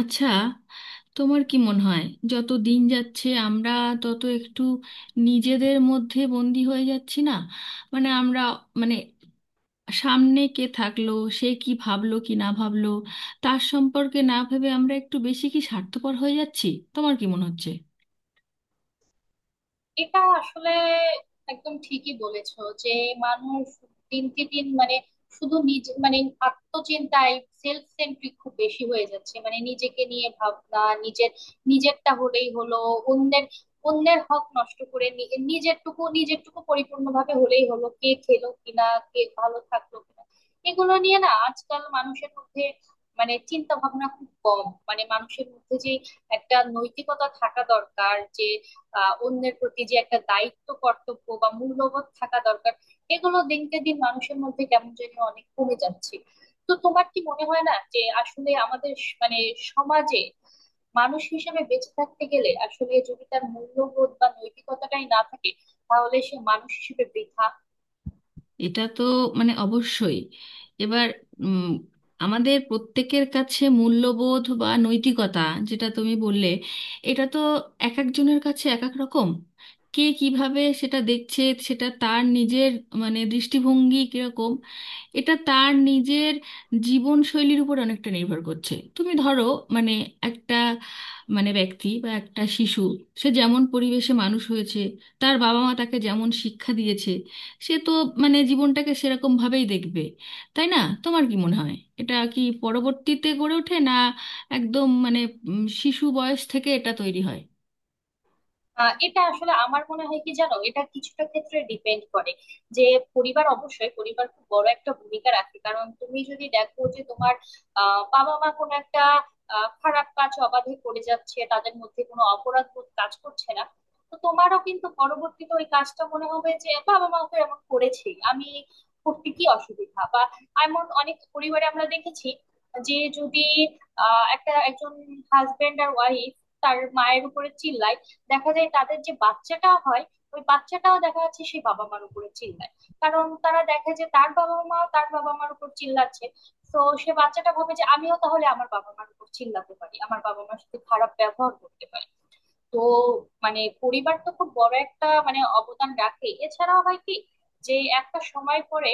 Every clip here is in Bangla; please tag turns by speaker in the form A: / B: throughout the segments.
A: আচ্ছা, তোমার কি মনে হয় যত দিন যাচ্ছে আমরা তত একটু নিজেদের মধ্যে বন্দি হয়ে যাচ্ছি না? মানে আমরা, মানে, সামনে কে থাকলো, সে কি ভাবলো কি না ভাবলো, তার সম্পর্কে না ভেবে আমরা একটু বেশি কি স্বার্থপর হয়ে যাচ্ছি? তোমার কি মনে হচ্ছে?
B: এটা আসলে একদম ঠিকই বলেছো যে মানুষ দিনকে দিন শুধু নিজে আত্মচিন্তায় সেলফ সেন্ট্রিক খুব বেশি হয়ে যাচ্ছে, মানে নিজেকে নিয়ে ভাবনা, নিজের নিজেরটা হলেই হলো। অন্যের অন্যের হক নষ্ট করে, নিজেরটুকু নিজেরটুকু পরিপূর্ণভাবে হলেই হলো। কে খেলো কিনা, কে ভালো থাকলো কিনা, এগুলো নিয়ে না আজকাল মানুষের মধ্যে, মানে চিন্তা ভাবনা খুব কম। মানে মানুষের মধ্যে যে একটা নৈতিকতা থাকা দরকার, যে অন্যের প্রতি যে একটা দায়িত্ব কর্তব্য বা মূল্যবোধ থাকা দরকার, এগুলো দিনকে দিন মানুষের মধ্যে কেমন যেন অনেক কমে যাচ্ছে। তো তোমার কি মনে হয় না যে আসলে আমাদের মানে সমাজে মানুষ হিসেবে বেঁচে থাকতে গেলে আসলে যদি তার মূল্যবোধ বা নৈতিকতাটাই না থাকে, তাহলে সে মানুষ হিসেবে বৃথা।
A: এটা তো মানে অবশ্যই। এবার উম, আমাদের প্রত্যেকের কাছে মূল্যবোধ বা নৈতিকতা, যেটা তুমি বললে, এটা তো এক একজনের কাছে এক এক রকম। কে কিভাবে সেটা দেখছে, সেটা তার নিজের মানে দৃষ্টিভঙ্গি কিরকম, এটা তার নিজের জীবনশৈলীর উপর অনেকটা নির্ভর করছে। তুমি ধরো, মানে একটা, মানে ব্যক্তি বা একটা শিশু, সে যেমন পরিবেশে মানুষ হয়েছে, তার বাবা মা তাকে যেমন শিক্ষা দিয়েছে, সে তো মানে জীবনটাকে সেরকম ভাবেই দেখবে, তাই না? তোমার কি মনে হয় এটা কি পরবর্তীতে গড়ে ওঠে না? একদম মানে শিশু বয়স থেকে এটা তৈরি হয়।
B: এটা আসলে আমার মনে হয় কি জানো, এটা কিছুটা ক্ষেত্রে ডিপেন্ড করে। যে পরিবার, অবশ্যই পরিবার খুব বড় একটা ভূমিকা রাখে, কারণ তুমি যদি দেখো যে তোমার বাবা মা কোনো একটা খারাপ কাজ অবাধে করে যাচ্ছে, তাদের মধ্যে কোনো অপরাধ বোধ কাজ করছে না, তো তোমারও কিন্তু পরবর্তীতে ওই কাজটা মনে হবে যে বাবা মা তো এমন করেছে, আমি করতে কি অসুবিধা বা। এমন অনেক পরিবারে আমরা দেখেছি যে যদি একজন হাজবেন্ড আর ওয়াইফ তার মায়ের উপরে চিল্লায়, দেখা যায় তাদের যে বাচ্চাটা হয়, ওই বাচ্চাটাও দেখা যাচ্ছে সেই বাবা মার উপরে চিল্লায়, কারণ তারা দেখে যে তার বাবা মা তার বাবা মার উপর চিল্লাচ্ছে। তো সে বাচ্চাটা ভাবে যে আমিও তাহলে আমার বাবা মার উপর চিল্লাতে পারি, আমার বাবা মার সাথে খারাপ ব্যবহার করতে পারি। তো মানে পরিবার তো খুব বড় একটা মানে অবদান রাখে। এছাড়াও হয় কি, যে একটা সময় পরে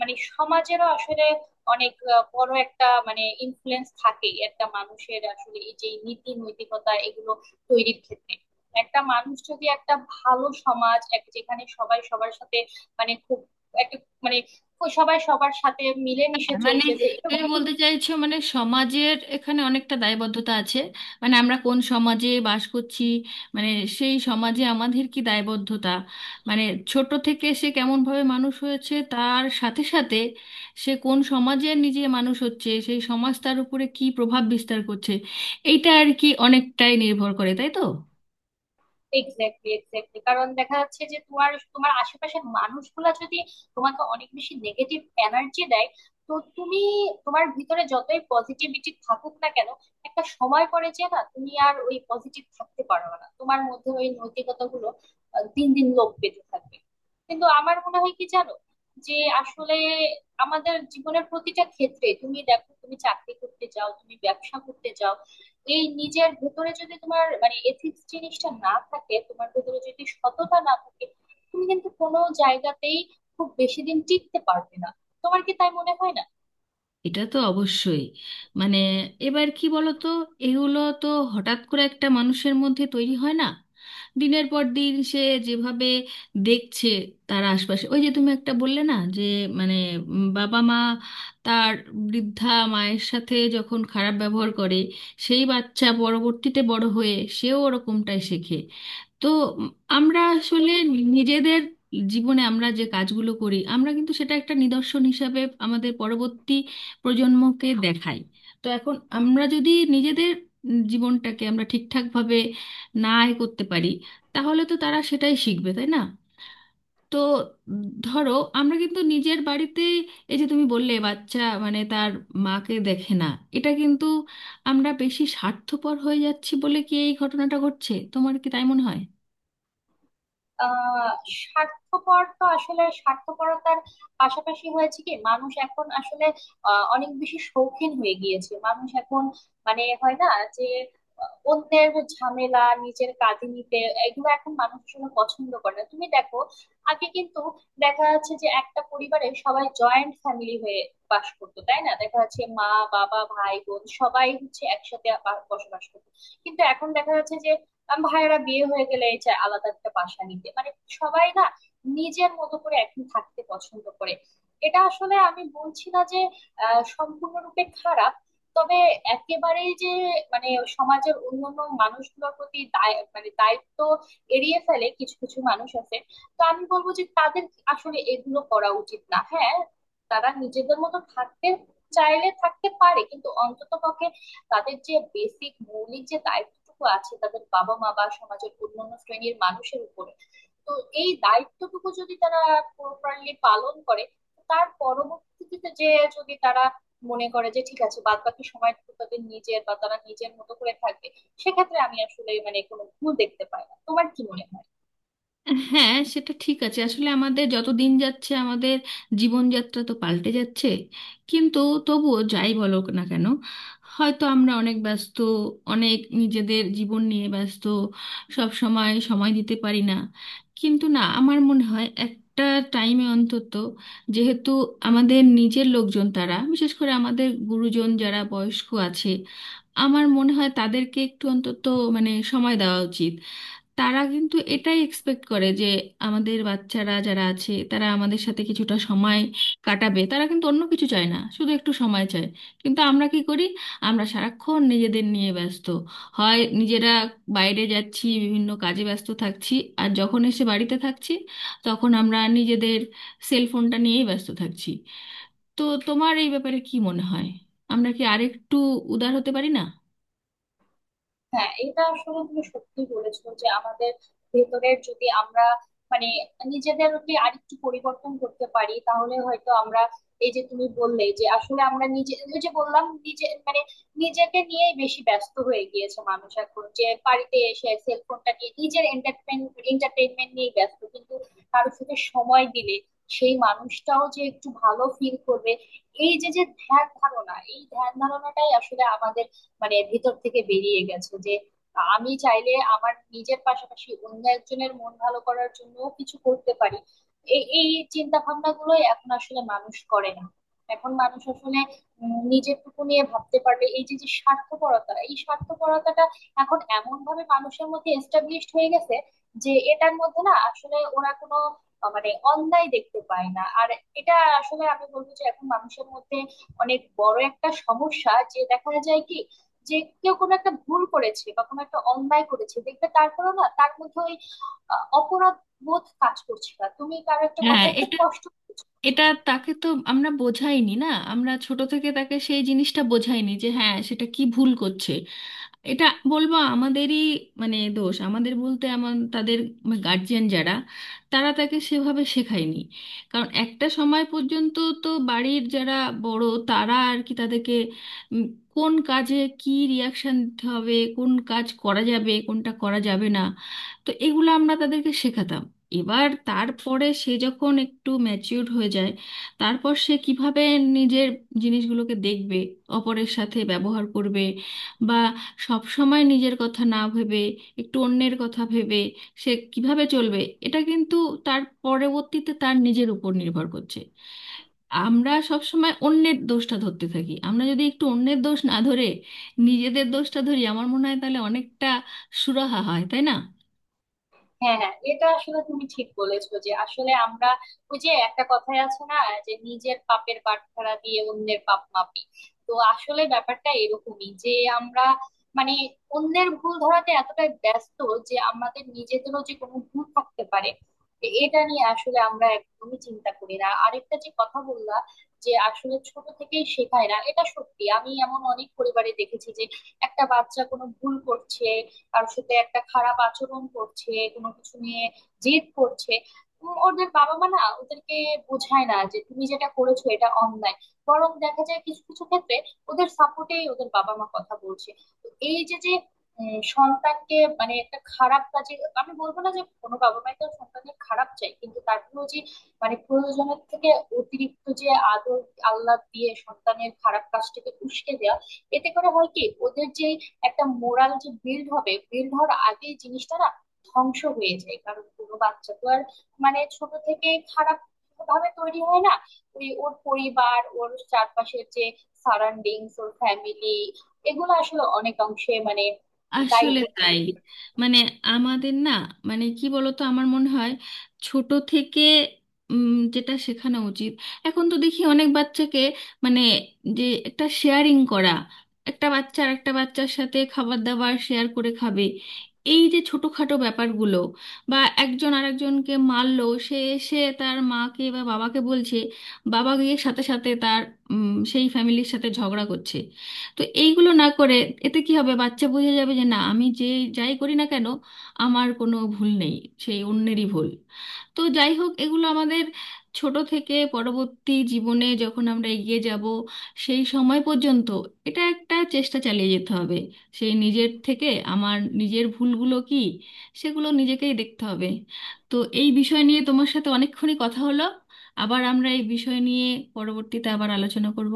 B: মানে সমাজেরও আসলে অনেক বড় একটা মানে ইনফ্লুয়েন্স থাকে একটা মানুষের, আসলে এই যে নীতি নৈতিকতা এগুলো তৈরির ক্ষেত্রে। একটা মানুষ যদি একটা ভালো সমাজ, যেখানে সবাই সবার সাথে মানে খুব একটা মানে সবাই সবার সাথে মিলেমিশে
A: মানে
B: চলতেছে, এরকম।
A: তুমি বলতে চাইছো মানে সমাজের এখানে অনেকটা দায়বদ্ধতা আছে, মানে আমরা কোন সমাজে বাস করছি, মানে সেই সমাজে আমাদের কি দায়বদ্ধতা, মানে ছোট থেকে সে কেমনভাবে মানুষ হয়েছে তার সাথে সাথে সে কোন সমাজে নিজে মানুষ হচ্ছে, সেই সমাজ তার উপরে কি প্রভাব বিস্তার করছে, এইটা আর কি অনেকটাই নির্ভর করে, তাই তো?
B: Exactly, exactly. কারণ দেখা যাচ্ছে যে তোমার তোমার আশেপাশের মানুষগুলা যদি তোমাকে অনেক বেশি নেগেটিভ এনার্জি দেয়, তো তুমি, তোমার ভিতরে যতই পজিটিভিটি থাকুক না কেন, একটা সময় পরে যে না তুমি আর ওই পজিটিভ থাকতে পারবে না, তোমার মধ্যে ওই নৈতিকতা গুলো দিন দিন লোপ পেতে থাকবে। কিন্তু আমার মনে হয় কি জানো, যে আসলে আমাদের জীবনের প্রতিটা ক্ষেত্রে তুমি দেখো, তুমি চাকরি করতে যাও, তুমি ব্যবসা করতে যাও, এই নিজের ভেতরে যদি তোমার মানে এথিক্স জিনিসটা না থাকে, তোমার ভেতরে যদি সততা না থাকে, তুমি কিন্তু কোনো জায়গাতেই খুব বেশি দিন টিকতে পারবে না। তোমার কি তাই মনে হয় না?
A: এটা তো অবশ্যই। মানে এবার কি বলতো, এগুলো তো হঠাৎ করে একটা মানুষের মধ্যে তৈরি হয় না। দিনের পর দিন সে যেভাবে দেখছে তার আশপাশে, ওই যে তুমি একটা বললে না যে, মানে বাবা মা তার বৃদ্ধা মায়ের সাথে যখন খারাপ ব্যবহার করে, সেই বাচ্চা পরবর্তীতে বড় হয়ে সেও ওরকমটাই শেখে। তো উম, আমরা আসলে নিজেদের জীবনে আমরা যে কাজগুলো করি, আমরা কিন্তু সেটা একটা নিদর্শন হিসাবে আমাদের পরবর্তী প্রজন্মকে দেখাই। তো এখন আমরা যদি নিজেদের জীবনটাকে আমরা ঠিকঠাকভাবে না এ করতে পারি, তাহলে তো তারা সেটাই শিখবে, তাই না? তো ধরো আমরা কিন্তু নিজের বাড়িতে, এই যে তুমি বললে বাচ্চা মানে তার মাকে দেখে না, এটা কিন্তু আমরা বেশি স্বার্থপর হয়ে যাচ্ছি বলে কি এই ঘটনাটা ঘটছে? তোমার কি তাই মনে হয়?
B: আহ স্বার্থপর তো, আসলে স্বার্থপরতার পাশাপাশি হয়েছে কি, মানুষ এখন আসলে অনেক বেশি শৌখিন হয়ে গিয়েছে। মানুষ এখন মানে হয় না যে অন্যের ঝামেলা নিজের কাঁধে নিতে, এগুলো এখন মানুষ আসলে পছন্দ করে না। তুমি দেখো আগে কিন্তু দেখা যাচ্ছে যে একটা পরিবারে সবাই জয়েন্ট ফ্যামিলি হয়ে বাস করতো, তাই না? দেখা যাচ্ছে মা বাবা ভাই বোন সবাই হচ্ছে একসাথে বসবাস করতো। কিন্তু এখন দেখা যাচ্ছে যে আম ভাইয়েরা বিয়ে হয়ে গেলে এই চায় আলাদা একটা বাসা নিতে, মানে সবাই না, নিজের মতো করে এখন থাকতে পছন্দ করে। এটা আসলে আমি বলছি না যে সম্পূর্ণরূপে খারাপ। তবে একেবারেই যে মানে সমাজের অন্যান্য মানুষগুলোর প্রতি দায় মানে দায়িত্ব এড়িয়ে ফেলে, কিছু কিছু মানুষ আছে, তো আমি বলবো যে তাদের আসলে এগুলো করা উচিত না। হ্যাঁ, তারা নিজেদের মতো থাকতে চাইলে থাকতে পারে, কিন্তু অন্তত পক্ষে তাদের যে বেসিক মৌলিক যে দায়িত্বটুকু আছে তাদের বাবা মা বা সমাজের অন্যান্য শ্রেণীর মানুষের উপরে, তো এই দায়িত্বটুকু যদি তারা প্রপারলি পালন করে, তার পরবর্তীতে যে, যদি তারা মনে করে যে ঠিক আছে, বাদ বাকি সময়টুকু তাদের নিজের বা তারা নিজের মতো করে থাকবে, সেক্ষেত্রে আমি আসলে মানে কোনো ভুল দেখতে পাই না। তোমার কি মনে হয়?
A: হ্যাঁ, সেটা ঠিক আছে আসলে আমাদের যত দিন যাচ্ছে আমাদের জীবনযাত্রা তো পাল্টে যাচ্ছে কিন্তু তবুও যাই বলো না কেন হয়তো আমরা অনেক ব্যস্ত অনেক নিজেদের জীবন নিয়ে ব্যস্ত সব সময় সময় দিতে পারি না কিন্তু না আমার মনে হয় একটা টাইমে অন্তত যেহেতু আমাদের নিজের লোকজন তারা বিশেষ করে আমাদের গুরুজন যারা বয়স্ক আছে আমার মনে হয় তাদেরকে একটু অন্তত মানে সময় দেওয়া উচিত তারা কিন্তু এটাই এক্সপেক্ট করে যে আমাদের বাচ্চারা যারা আছে তারা আমাদের সাথে কিছুটা সময় কাটাবে তারা কিন্তু অন্য কিছু চায় না শুধু একটু সময় চায় কিন্তু আমরা কি করি আমরা সারাক্ষণ নিজেদের নিয়ে ব্যস্ত হয় নিজেরা বাইরে যাচ্ছি বিভিন্ন কাজে ব্যস্ত থাকছি আর যখন এসে বাড়িতে থাকছি তখন আমরা নিজেদের সেল ফোনটা নিয়েই ব্যস্ত থাকছি তো তোমার এই ব্যাপারে কি মনে হয় আমরা কি আরেকটু উদার হতে পারি না
B: হ্যাঁ, এটা আসলে তুমি সত্যি বলেছো যে আমাদের ভেতরের যদি আমরা মানে নিজেদেরকে আরেকটু পরিবর্তন করতে পারি, তাহলে হয়তো আমরা, এই যে তুমি বললে যে আসলে আমরা নিজে, ওই যে বললাম নিজে মানে নিজেকে নিয়েই বেশি ব্যস্ত হয়ে গিয়েছে মানুষ এখন, যে বাড়িতে এসে সেলফোনটা নিয়ে নিজের এন্টারটেনমেন্ট নিয়ে ব্যস্ত, কিন্তু কারোর সাথে সময় দিলে সেই মানুষটাও যে একটু ভালো ফিল করবে, এই যে যে ধ্যান ধারণা, এই ধ্যান ধারণাটাই আসলে আমাদের মানে ভিতর থেকে বেরিয়ে গেছে যে আমি চাইলে আমার নিজের পাশাপাশি অন্য একজনের মন ভালো করার জন্য কিছু করতে পারি। এই এই চিন্তা ভাবনা গুলোই এখন আসলে মানুষ করে না। এখন মানুষ আসলে নিজেরটুকু নিয়ে ভাবতে পারবে, এই যে যে স্বার্থপরতা, এই স্বার্থপরতাটা এখন এমন ভাবে মানুষের মধ্যে এস্টাবলিশড হয়ে গেছে যে এটার মধ্যে না আসলে ওরা কোনো মানে অন্যায় দেখতে পায় না আর। এটা আসলে আমি বলবো যে এখন মানুষের মধ্যে অনেক বড় একটা সমস্যা যে দেখা যায় কি, যে কেউ কোনো একটা ভুল করেছে বা কোনো একটা অন্যায় করেছে দেখবে, তারপরেও না তার মধ্যে ওই অপরাধ বোধ কাজ করছে না। তুমি কারো একটা
A: হ্যাঁ
B: কথায় খুব
A: এটা
B: কষ্ট।
A: এটা তাকে তো আমরা বোঝাইনি। না, আমরা ছোট থেকে তাকে সেই জিনিসটা বোঝাইনি যে হ্যাঁ সেটা কি ভুল করছে। এটা বলবো আমাদেরই, মানে দোষ, আমাদের বলতে আমার তাদের গার্জিয়ান যারা, তারা তাকে সেভাবে শেখায়নি। কারণ একটা সময় পর্যন্ত তো বাড়ির যারা বড়, তারা আর কি তাদেরকে উম, কোন কাজে কি রিয়াকশন দিতে হবে, কোন কাজ করা যাবে, কোনটা করা যাবে না, তো এগুলো আমরা তাদেরকে শেখাতাম। এবার তারপরে সে যখন একটু ম্যাচিউর হয়ে যায়, তারপর সে কিভাবে নিজের জিনিসগুলোকে দেখবে, অপরের সাথে ব্যবহার করবে, বা সব সময় নিজের কথা না ভেবে একটু অন্যের কথা ভেবে সে কিভাবে চলবে, এটা কিন্তু তার পরবর্তীতে তার নিজের উপর নির্ভর করছে। আমরা সব সময় অন্যের দোষটা ধরতে থাকি। আমরা যদি একটু অন্যের দোষ না ধরে নিজেদের দোষটা ধরি, আমার মনে হয় তাহলে অনেকটা সুরাহা হয়, তাই না?
B: হ্যাঁ হ্যাঁ, এটা আসলে তুমি ঠিক বলেছো যে আসলে আমরা, ওই যে একটা কথাই আছে না, যে নিজের পাপের বাটখারা দিয়ে অন্যের পাপ মাপি। তো আসলে ব্যাপারটা এরকমই যে আমরা মানে অন্যের ভুল ধরাতে এতটাই ব্যস্ত যে আমাদের নিজেদেরও যে কোনো ভুল থাকতে পারে, তো এটা নিয়ে আসলে আমরা একদমই চিন্তা করি না। আরেকটা যে কথা বললা, যে আসলে ছোট থেকেই শেখায় না, এটা সত্যি। আমি এমন অনেক পরিবারে দেখেছি যে একটা বাচ্চা কোনো ভুল করছে, কারোর সাথে একটা খারাপ আচরণ করছে, কোনো কিছু নিয়ে জেদ করছে, ওদের বাবা মা না ওদেরকে বোঝায় না যে তুমি যেটা করেছো এটা অন্যায়। বরং দেখা যায় কিছু কিছু ক্ষেত্রে ওদের সাপোর্টেই ওদের বাবা মা কথা বলছে। তো এই যে যে সন্তানকে মানে একটা খারাপ কাজে, আমি বলবো না যে কোনো বাবা মাই তো সন্তানের খারাপ চাই, কিন্তু তারপরেও যে মানে প্রয়োজনের থেকে অতিরিক্ত যে আদর আল্লাহ দিয়ে সন্তানের খারাপ কাজটাকে উস্কে দেওয়া, এতে করে হয় কি ওদের যে একটা মোরাল যে বিল্ড হবে, বিল্ড হওয়ার আগে জিনিসটা না ধ্বংস হয়ে যায়। কারণ কোনো বাচ্চা তো আর মানে ছোট থেকে খারাপ ভাবে তৈরি হয় না, ওই ওর পরিবার, ওর চারপাশের যে সারাউন্ডিংস, ওর ফ্যামিলি, এগুলো আসলে অনেক অংশে মানে দায়ী
A: আসলে
B: থাকে।
A: তাই, মানে আমাদের, না, মানে কি বলতো, আমার মনে হয় ছোট থেকে যেটা শেখানো উচিত। এখন তো দেখি অনেক বাচ্চাকে, মানে যে একটা শেয়ারিং করা, একটা বাচ্চা আর একটা বাচ্চার সাথে খাবার দাবার শেয়ার করে খাবে। এই যে ছোটখাটো ব্যাপারগুলো, বা একজন আরেকজনকে মারলো, সে এসে তার মাকে বা বাবাকে বলছে, বাবা গিয়ে সাথে সাথে তার সেই ফ্যামিলির সাথে ঝগড়া করছে। তো এইগুলো না করে, এতে কি হবে, বাচ্চা বুঝে যাবে যে না, আমি যে যাই করি না কেন, আমার কোনো ভুল নেই, সেই অন্যেরই ভুল। তো যাই হোক, এগুলো আমাদের ছোট থেকে পরবর্তী জীবনে যখন আমরা এগিয়ে যাব সেই সময় পর্যন্ত, এটা একটা চেষ্টা চালিয়ে যেতে হবে। সেই নিজের থেকে আমার নিজের ভুলগুলো কি, সেগুলো নিজেকেই দেখতে হবে। তো এই বিষয় নিয়ে তোমার সাথে অনেকক্ষণই কথা হলো। আবার আমরা এই বিষয় নিয়ে পরবর্তীতে আবার আলোচনা করব।